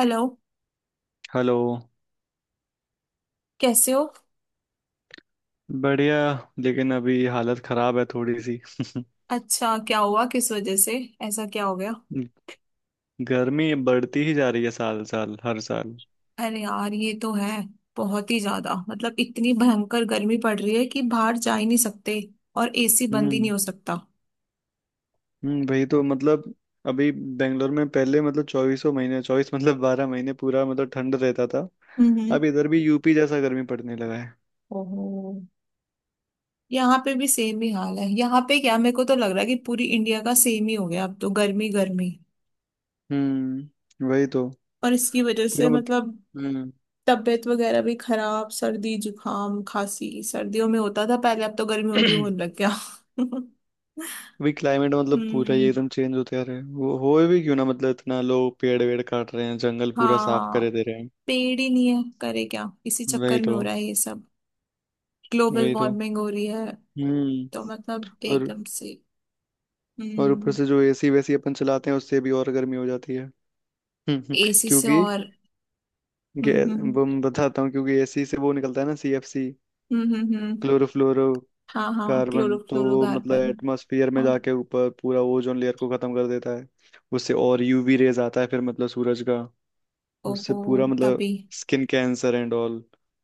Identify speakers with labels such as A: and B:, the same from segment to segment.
A: Hello.
B: Hello.
A: कैसे हो?
B: बढ़िया। लेकिन अभी हालत खराब है थोड़ी सी।
A: अच्छा, क्या हुआ, किस वजह से? ऐसा क्या हो गया?
B: गर्मी बढ़ती ही जा रही है साल साल हर साल।
A: अरे यार, ये तो है। बहुत ही ज्यादा मतलब इतनी भयंकर गर्मी पड़ रही है कि बाहर जा ही नहीं सकते, और एसी बंद ही नहीं
B: हम्म।
A: हो सकता।
B: हम्म। वही तो मतलब। अभी बेंगलोर में पहले मतलब चौबीसों महीने चौबीस मतलब 12 महीने पूरा मतलब ठंड रहता था।
A: हम्म।
B: अब इधर भी यूपी जैसा गर्मी पड़ने लगा है।
A: ओहो। यहाँ पे भी सेम ही हाल है। यहाँ पे क्या, मेरे को तो लग रहा है कि पूरी इंडिया का सेम ही हो गया अब तो। गर्मी गर्मी
B: हम्म। वही तो
A: और इसकी वजह से
B: पूरा मतलब।
A: मतलब
B: हम्म।
A: तबीयत वगैरह भी खराब। सर्दी जुकाम खांसी सर्दियों में होता था पहले, अब तो गर्मियों में भी होने लग गया।
B: अभी क्लाइमेट मतलब पूरा ही
A: हम्म।
B: एकदम चेंज होते आ रहा है। वो हो भी क्यों ना, मतलब इतना लोग पेड़ वेड़ काट रहे हैं, जंगल पूरा साफ
A: हाँ,
B: करे दे रहे हैं।
A: पेड़ ही नहीं है, करे क्या? इसी चक्कर
B: वही
A: में
B: तो।
A: हो रहा है ये सब। ग्लोबल
B: वही तो।
A: वार्मिंग हो रही है,
B: हम्म।
A: तो मतलब
B: और
A: एकदम से।
B: और ऊपर
A: हम्म।
B: से जो एसी वैसी अपन चलाते हैं उससे भी और गर्मी हो जाती है। हम्म।
A: एसी से
B: क्योंकि
A: और। हम्म
B: गैस
A: हम्म
B: वो मैं बताता हूँ, क्योंकि एसी से वो निकलता है ना, सीएफसी
A: हम्म हम्म हम्म,
B: क्लोरोफ्लोरो
A: हाँ हाँ,
B: कार्बन तो वो मतलब
A: क्लोरोफ्लोरोकार्बन।
B: एटमॉस्फेयर में
A: हाँ।
B: जाके ऊपर पूरा ओजोन लेयर को खत्म कर देता है। उससे और यूवी रेज आता है फिर मतलब सूरज का। उससे
A: ओहो।
B: पूरा मतलब,
A: तभी।
B: Skin cancer and all.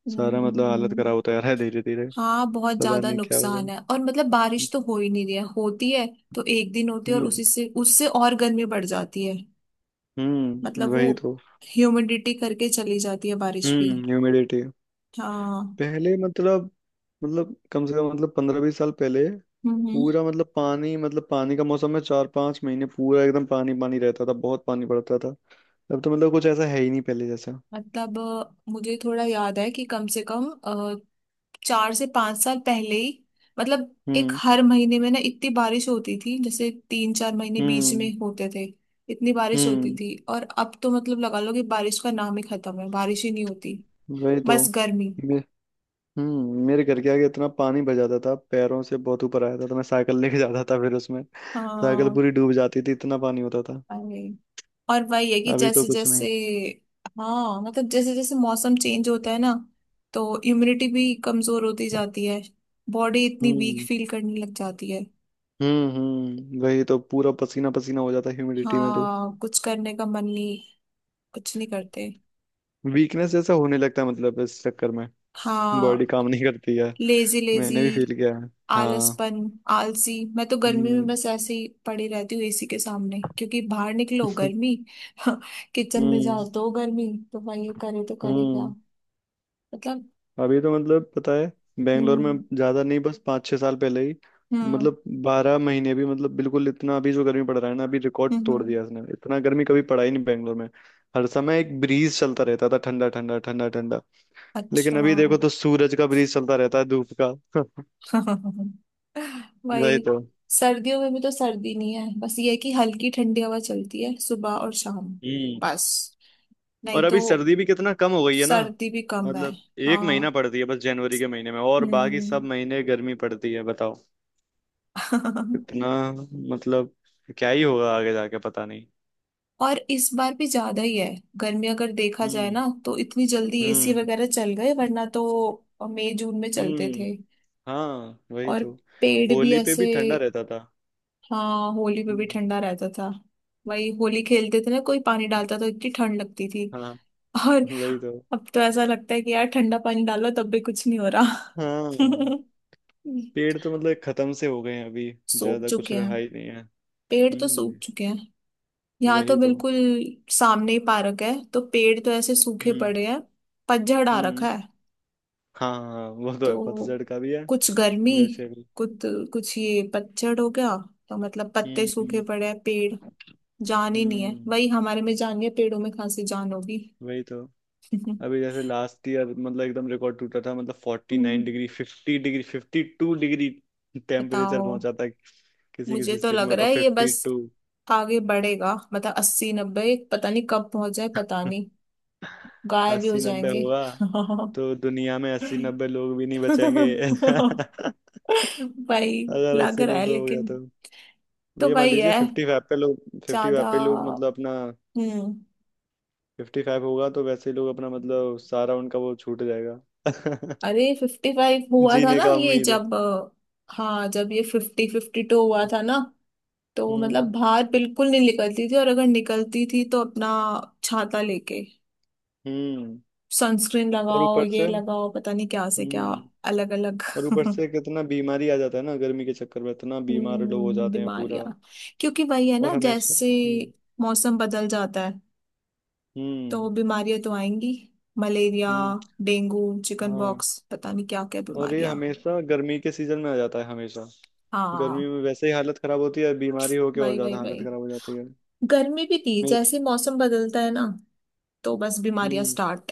A: हम्म
B: सारा
A: हम्म
B: मतलब हालत
A: हम्म।
B: खराब होता जा रहा है धीरे धीरे।
A: हाँ, बहुत
B: पता
A: ज्यादा
B: नहीं क्या
A: नुकसान
B: होगा।
A: है। और मतलब बारिश तो हो ही नहीं रही है। होती है तो एक दिन होती है, और
B: हम्म।
A: उसी से, उससे और गर्मी बढ़ जाती है।
B: हम्म।
A: मतलब वो
B: वही तो।
A: ह्यूमिडिटी करके चली जाती है बारिश भी।
B: हम्म। ह्यूमिडिटी।
A: हाँ।
B: पहले मतलब कम से कम मतलब 15-20 साल पहले।
A: हम्म।
B: पूरा मतलब पानी, मतलब पानी का मौसम में 4-5 महीने पूरा एकदम पानी पानी रहता था, बहुत पानी पड़ता था। अब तो मतलब कुछ ऐसा है ही नहीं पहले जैसा।
A: मतलब मुझे थोड़ा याद है कि कम से कम चार से पांच साल पहले ही मतलब एक
B: हम्म।
A: हर महीने में ना इतनी बारिश होती थी। जैसे तीन चार महीने बीच में
B: हम्म।
A: होते थे, इतनी बारिश होती
B: हम्म।
A: थी। और अब तो मतलब लगा लो कि बारिश का नाम ही खत्म है, बारिश ही नहीं होती।
B: वही तो।
A: बस गर्मी।
B: मे, हम्म। मेरे घर के आगे इतना पानी भर जाता था, पैरों से बहुत ऊपर आया था, तो मैं साइकिल लेके जाता था फिर उसमें साइकिल
A: हाँ।
B: पूरी डूब जाती थी, इतना पानी होता था।
A: अरे, और वही है कि
B: अभी तो
A: जैसे
B: कुछ
A: जैसे।
B: नहीं।
A: हाँ, मतलब जैसे जैसे मौसम चेंज होता है ना, तो इम्यूनिटी भी कमजोर होती जाती है। बॉडी इतनी वीक
B: हम्म।
A: फील करने लग जाती है।
B: हम्म। हम्म। वही तो। पूरा पसीना पसीना हो जाता ह्यूमिडिटी में तो।
A: हाँ, कुछ करने का मन नहीं, कुछ नहीं करते।
B: वीकनेस जैसा होने लगता है मतलब इस चक्कर में। बॉडी
A: हाँ।
B: काम नहीं करती है।
A: Lazy lazy.
B: मैंने भी फील किया है। हाँ।
A: आलसपन। आलसी। मैं तो गर्मी में
B: हम्म।
A: बस ऐसे ही पड़ी रहती हूँ एसी के सामने, क्योंकि बाहर निकलो गर्मी, किचन में
B: हम्म।
A: जाओ तो गर्मी। तो भाई ये करे तो करे क्या?
B: हम्म।
A: मतलब।
B: अभी तो मतलब पता है बेंगलोर में,
A: हम्म
B: ज्यादा नहीं, बस 5-6 साल पहले ही।
A: हम्म
B: मतलब बारह महीने भी मतलब बिल्कुल इतना। अभी जो गर्मी पड़ रहा है ना, अभी रिकॉर्ड तोड़
A: हम्म।
B: दिया इसने, इतना गर्मी कभी पड़ा ही नहीं बेंगलोर में। हर समय एक ब्रीज चलता रहता था, ठंडा ठंडा ठंडा ठंडा। लेकिन
A: अच्छा।
B: अभी देखो तो सूरज का ब्रीज चलता रहता है, धूप का। वही
A: वही।
B: तो।
A: सर्दियों में भी तो सर्दी नहीं है। बस ये है कि हल्की ठंडी हवा चलती है सुबह और शाम।
B: हम्म।
A: बस,
B: और
A: नहीं तो।
B: अभी सर्दी भी कितना कम हो गई है ना।
A: सर्दी भी कम है।
B: मतलब एक महीना
A: हाँ।
B: पड़ती है बस जनवरी के महीने में, और बाकी
A: हम्म।
B: सब महीने गर्मी पड़ती है बताओ। इतना मतलब, क्या ही होगा आगे जाके पता नहीं।
A: और इस बार भी ज्यादा ही है गर्मी। अगर देखा जाए
B: हम्म।
A: ना, तो इतनी जल्दी एसी
B: हम्म।
A: वगैरह चल गए, वरना तो मई जून में चलते
B: हम्म।
A: थे।
B: हाँ, वही
A: और
B: तो।
A: पेड़ भी
B: होली पे
A: ऐसे।
B: भी ठंडा रहता था।
A: हाँ, होली पे भी
B: हम्म,
A: ठंडा रहता था। वही, होली खेलते थे ना, कोई पानी डालता तो इतनी ठंड लगती थी।
B: हाँ,
A: और
B: वही तो।
A: अब तो ऐसा लगता है कि यार ठंडा पानी डालो तब भी कुछ नहीं हो रहा।
B: हाँ, पेड़ तो मतलब खत्म से हो गए हैं, अभी
A: सूख
B: ज्यादा कुछ
A: चुके हैं।
B: रहा ही नहीं है।
A: पेड़ तो सूख
B: हम्म।
A: चुके हैं। यहाँ तो
B: वही तो।
A: बिल्कुल सामने ही पार्क है, तो पेड़ तो ऐसे सूखे
B: हम्म।
A: पड़े हैं। पतझड़ आ
B: हम्म।
A: रखा है।
B: हाँ हाँ, वो तो है,
A: तो
B: पतझड़ का भी है
A: कुछ गर्मी,
B: वैसे भी।
A: कुछ, कुछ ये पतझड़ हो गया, तो मतलब पत्ते
B: हम्म।
A: सूखे
B: हम्म।
A: पड़े हैं पेड़। जान ही नहीं है।
B: हम्म,
A: वही, हमारे में जान है, पेड़ों में कहाँ से जान होगी।
B: वही तो। अभी जैसे लास्ट ईयर मतलब एकदम रिकॉर्ड टूटा था, मतलब फोर्टी नाइन
A: हम्म,
B: डिग्री 50 डिग्री, 52 डिग्री टेम्परेचर
A: बताओ।
B: पहुंचा था किसी
A: मुझे
B: किसी
A: तो
B: स्टेट में,
A: लग
B: होता
A: रहा है ये
B: फिफ्टी
A: बस
B: टू
A: आगे बढ़ेगा, मतलब अस्सी नब्बे, पता नहीं कब पहुंच जाए, पता नहीं। गायब भी हो
B: अस्सी नब्बे
A: जाएंगे।
B: हुआ तो दुनिया में 80-90 लोग भी नहीं बचेंगे।
A: भाई,
B: अगर
A: लग
B: अस्सी
A: रहा है
B: नब्बे हो गया
A: लेकिन।
B: तो?
A: तो
B: ये मान
A: भाई
B: लीजिए
A: है।
B: फिफ्टी फाइव पे लोग फिफ्टी फाइव
A: ज्यादा।
B: पे लोग मतलब अपना
A: हम्म।
B: 55 होगा तो वैसे ही लोग अपना मतलब सारा उनका वो छूट जाएगा।
A: अरे, फिफ्टी फाइव हुआ था
B: जीने
A: ना
B: का
A: ये,
B: उम्मीद है।
A: जब हाँ, जब ये फिफ्टी फिफ्टी टू हुआ था ना, तो
B: हम्म।
A: मतलब बाहर बिल्कुल नहीं निकलती थी। और अगर निकलती थी तो अपना छाता लेके,
B: हम्म।
A: सनस्क्रीन
B: और
A: लगाओ,
B: ऊपर
A: ये
B: से।
A: लगाओ, पता नहीं क्या से क्या
B: हम्म।
A: अलग अलग।
B: और ऊपर से कितना बीमारी आ जाता है ना गर्मी के चक्कर में, इतना बीमार लोग हो
A: हम्म,
B: जाते हैं पूरा।
A: बीमारियां। क्योंकि वही है ना,
B: और हमेशा।
A: जैसे
B: हम्म।
A: मौसम बदल जाता है, तो
B: हम्म।
A: बीमारियां तो आएंगी। मलेरिया,
B: हम्म।
A: डेंगू, चिकन
B: हाँ।
A: बॉक्स, पता नहीं क्या क्या
B: और ये
A: बीमारियां।
B: हमेशा गर्मी के सीजन में आ जाता है हमेशा। गर्मी
A: हाँ,
B: में वैसे ही हालत खराब होती है, बीमारी होके और
A: वही वही
B: ज्यादा हालत
A: वही।
B: खराब हो जाती है।
A: गर्मी भी थी,
B: मे,
A: जैसे मौसम बदलता है ना, तो बस बीमारियां
B: हम्म।
A: स्टार्ट।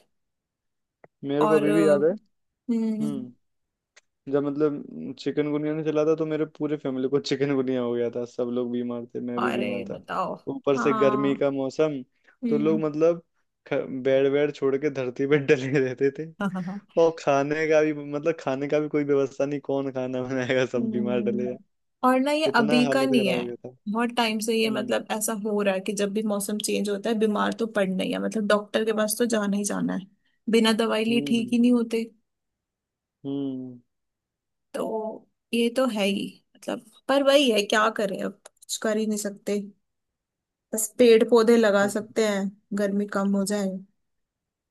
B: मेरे को
A: और
B: अभी भी याद है।
A: हम्म।
B: हम्म। जब मतलब चिकन गुनिया ने चला था तो मेरे पूरे फैमिली को चिकन गुनिया हो गया था, सब लोग बीमार थे, मैं भी बीमार
A: अरे,
B: था।
A: बताओ।
B: ऊपर से गर्मी
A: हाँ।
B: का मौसम, तो लोग
A: हम्म।
B: मतलब ख- बेड वेड छोड़ के धरती पे डले रहते थे। और खाने का भी मतलब खाने का भी कोई व्यवस्था नहीं, कौन खाना बनाएगा, सब बीमार डले
A: हम्म।
B: हैं।
A: और ना, ये
B: इतना
A: अभी का
B: हालत
A: नहीं
B: खराब
A: है,
B: हो गया था।
A: बहुत टाइम से ये
B: हम्म।
A: मतलब ऐसा हो रहा है कि जब भी मौसम चेंज होता है, बीमार तो पड़ना ही है, मतलब डॉक्टर के पास तो जाना ही जाना है। बिना दवाई लिए ठीक
B: हम्म।
A: ही नहीं होते।
B: हम्म।
A: तो ये तो है ही। मतलब पर वही है, क्या करें, अब कुछ कर ही नहीं सकते। बस पेड़ पौधे लगा
B: पता
A: सकते
B: है।
A: हैं, गर्मी कम हो जाए,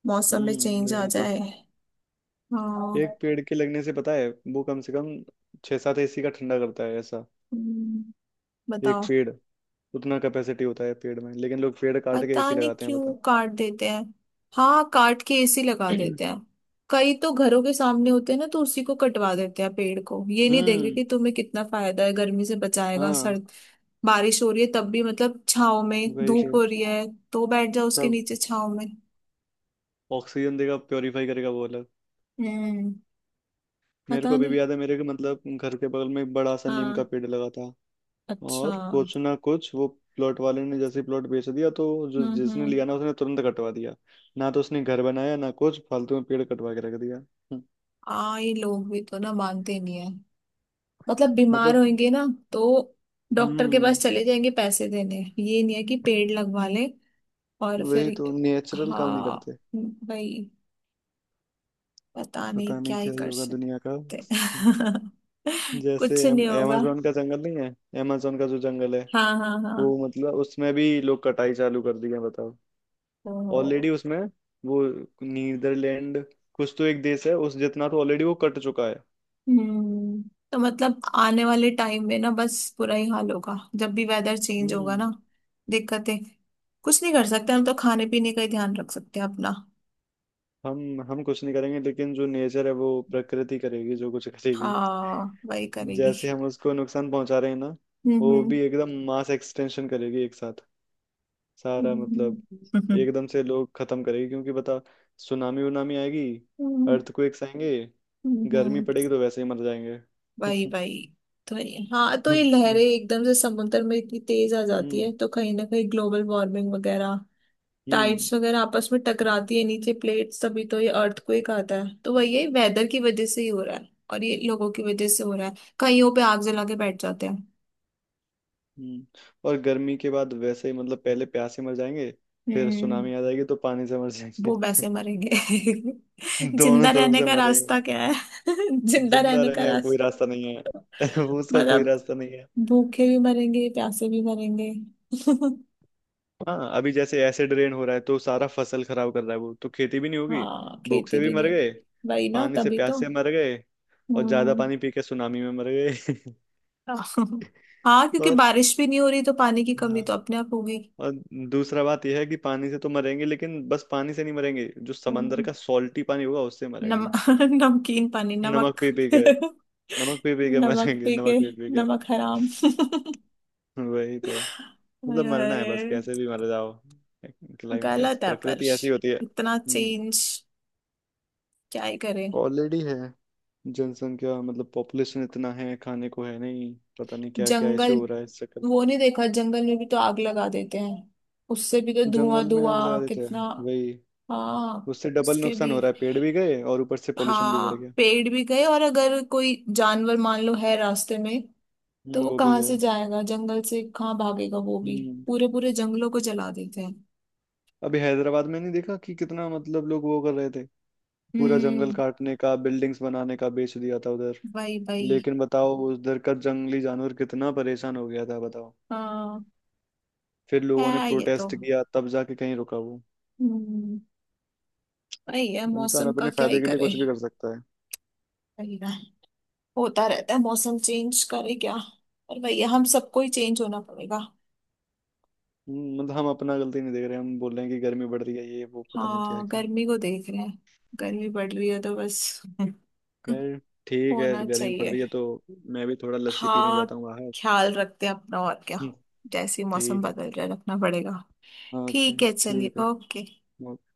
A: मौसम में
B: हम्म,
A: चेंज आ
B: वही तो।
A: जाए। हाँ।
B: एक पेड़ के लगने से पता है वो कम से कम 6-7 एसी का ठंडा करता है ऐसा।
A: हम्म,
B: एक
A: बताओ।
B: पेड़, उतना कैपेसिटी होता है पेड़ में, लेकिन लोग पेड़ काट के
A: पता
B: एसी
A: नहीं
B: लगाते हैं
A: क्यों
B: बता।
A: काट देते हैं। हाँ, काट के एसी लगा देते हैं। कई तो घरों के सामने होते हैं ना, तो उसी को कटवा देते हैं पेड़ को। ये नहीं देख रहे
B: हम्म।
A: कि तुम्हें कितना फायदा है, गर्मी से बचाएगा,
B: हाँ,
A: सर्द, बारिश हो रही है तब भी मतलब छाव में,
B: वही
A: धूप
B: तो।
A: हो रही है तो बैठ जाओ उसके
B: सब
A: नीचे छाव में।
B: ऑक्सीजन देगा, प्योरीफाई करेगा वो अलग।
A: हम्म।
B: मेरे को
A: पता
B: अभी भी
A: नहीं।
B: याद है, मेरे के मतलब घर के बगल में एक बड़ा सा नीम का
A: हाँ।
B: पेड़ लगा था।
A: अच्छा।
B: और
A: हम्म।
B: कुछ ना कुछ वो प्लॉट वाले ने जैसे प्लॉट बेच दिया, तो जो जिसने
A: हम्म।
B: लिया ना उसने तुरंत कटवा दिया। ना तो उसने घर बनाया ना कुछ, फालतू में पेड़ कटवा के रख दिया।
A: हाँ, ये लोग भी तो ना, मानते नहीं है। मतलब बीमार
B: मतलब।
A: होंगे ना, तो डॉक्टर के
B: हम्म।
A: पास चले जाएंगे, पैसे देने। ये नहीं है कि पेड़ लगवा लें। और फिर,
B: वही तो नेचुरल काम नहीं
A: हाँ,
B: करते।
A: भाई पता नहीं
B: पता नहीं
A: क्या ही
B: क्या ही
A: कर
B: होगा दुनिया का।
A: सकते,
B: जैसे
A: कुछ नहीं होगा।
B: amazon का जंगल नहीं है, amazon का जो जंगल है,
A: हाँ हाँ हाँ।
B: वो मतलब उसमें भी लोग कटाई चालू कर दी है बताओ। ऑलरेडी
A: तो।
B: उसमें, वो नीदरलैंड कुछ तो एक देश है, उस जितना तो ऑलरेडी वो कट चुका है।
A: हम्म। तो मतलब आने वाले टाइम में ना, बस बुरा ही हाल होगा जब भी वेदर चेंज होगा
B: हम्म।
A: ना। दिक्कतें, कुछ नहीं कर सकते हम, तो खाने पीने का ही ध्यान रख सकते हैं अपना।
B: हम कुछ नहीं करेंगे, लेकिन जो नेचर है वो प्रकृति करेगी जो कुछ करेगी।
A: हाँ, वही करेगी।
B: जैसे हम उसको नुकसान पहुंचा रहे हैं ना, वो
A: हम्म
B: भी एकदम मास एक्सटेंशन करेगी एक साथ, सारा
A: हम्म
B: मतलब,
A: हम्म
B: एकदम से लोग खत्म करेंगे क्योंकि बता। सुनामी उनामी आएगी,
A: हम्म,
B: अर्थक्वेक्स आएंगे, गर्मी
A: हम्म,
B: पड़ेगी तो वैसे ही मर जाएंगे।
A: वही। हाँ, तो ये लहरें
B: और।
A: एकदम से समुद्र में इतनी तेज आ जाती
B: हम्म।
A: है, तो कहीं ना कहीं ग्लोबल वार्मिंग वगैरह,
B: हम्म।
A: टाइड्स वगैरह आपस में टकराती है, नीचे प्लेट्स, तभी तो ये अर्थक्वेक आता है। तो वही, ये वेदर की वजह से ही हो रहा है और ये लोगों की वजह से हो रहा है। कईयों पे आग जला के बैठ जाते हैं।
B: हम्म। और गर्मी के बाद वैसे ही मतलब पहले प्यास से मर जाएंगे, फिर
A: हम्म।
B: सुनामी आ जाएगी तो पानी से मर जाएंगे।
A: वो वैसे मरेंगे।
B: दोनों
A: जिंदा
B: तरफ
A: रहने
B: से
A: का
B: मरेंगे,
A: रास्ता क्या है? जिंदा
B: जिंदा
A: रहने का
B: रहने का कोई
A: रास्ता,
B: रास्ता नहीं है। उसका कोई
A: मतलब
B: रास्ता नहीं।
A: भूखे भी मरेंगे, प्यासे भी मरेंगे।
B: हाँ, अभी जैसे एसिड रेन हो रहा है तो सारा फसल खराब कर रहा है, वो तो खेती भी नहीं होगी।
A: हाँ,
B: भूख से
A: खेती
B: भी
A: भी नहीं
B: मर
A: होगी।
B: गए,
A: वही ना,
B: पानी से
A: तभी
B: प्यास
A: तो।
B: से मर गए, और ज्यादा
A: हम्म।
B: पानी पी के सुनामी में मर गए।
A: हाँ, क्योंकि
B: और,
A: बारिश भी नहीं हो रही, तो पानी की
B: हाँ,
A: कमी तो अपने आप होगी।
B: और दूसरा बात यह है कि पानी से तो मरेंगे, लेकिन बस पानी से नहीं मरेंगे, जो समंदर
A: हम्म।
B: का सॉल्टी पानी होगा उससे
A: नम।
B: मरेंगे।
A: नमकीन पानी,
B: नमक
A: नमक,
B: पी पी के, नमक पी पी के
A: नमक
B: मरेंगे,
A: पी
B: नमक
A: के,
B: पी पी के।
A: नमक हराम।
B: वही तो। मतलब मरना है बस,
A: अरे,
B: कैसे भी मर जाओ। क्लाइमेट ऐसा,
A: गलत है पर।
B: प्रकृति ऐसी होती है।
A: इतना
B: हम्म।
A: चेंज, क्या ही करें।
B: ऑलरेडी है। जनसंख्या मतलब पॉपुलेशन इतना है, खाने को है नहीं, पता नहीं क्या क्या
A: जंगल,
B: इशू हो रहा है इस चक्कर में।
A: वो नहीं देखा, जंगल में भी तो आग लगा देते हैं, उससे भी तो धुआं
B: जंगल में आग लगा
A: धुआं
B: देते
A: कितना।
B: हैं वही,
A: हाँ।
B: उससे डबल
A: उसके
B: नुकसान
A: भी,
B: हो रहा है, पेड़ भी गए और ऊपर से पोल्यूशन भी बढ़ गया।
A: हाँ पेड़ भी गए, और अगर कोई जानवर मान लो है रास्ते में, तो
B: हम्म,
A: वो
B: वो भी
A: कहाँ से
B: गया।
A: जाएगा, जंगल से कहाँ भागेगा वो भी।
B: हम्म।
A: पूरे पूरे जंगलों को जला देते हैं।
B: अभी हैदराबाद में नहीं देखा कि कितना मतलब लोग वो कर रहे थे, पूरा जंगल
A: हम्म,
B: काटने का, बिल्डिंग्स बनाने का, बेच दिया था उधर।
A: वही वही।
B: लेकिन बताओ उधर का जंगली जानवर कितना परेशान हो गया था बताओ,
A: हाँ,
B: फिर
A: है।
B: लोगों ने
A: ये तो।
B: प्रोटेस्ट किया तब जाके कहीं रुका वो।
A: हम्म। वही है,
B: इंसान
A: मौसम का
B: अपने
A: क्या ही
B: फायदे के लिए
A: करे।
B: कुछ भी कर सकता है।
A: वही ना, होता रहता है मौसम चेंज, करे क्या। पर वही है, हम सबको ही चेंज होना पड़ेगा।
B: मतलब हम अपना गलती नहीं देख रहे, हम बोल रहे हैं कि गर्मी बढ़ रही है, ये वो, पता नहीं क्या
A: हाँ,
B: क्या।
A: गर्मी को देख रहे हैं, गर्मी बढ़ रही है तो बस।
B: यार ठीक है,
A: होना
B: गर्मी पड़
A: चाहिए।
B: रही है तो मैं भी थोड़ा लस्सी पीने
A: हाँ,
B: जाता हूँ बाहर।
A: ख्याल रखते हैं अपना, और क्या।
B: हम्म,
A: जैसे ही मौसम
B: ठीक है।
A: बदल रहा है, रखना पड़ेगा।
B: ओके।
A: ठीक है, चलिए,
B: ठीक है।
A: ओके।
B: ओके।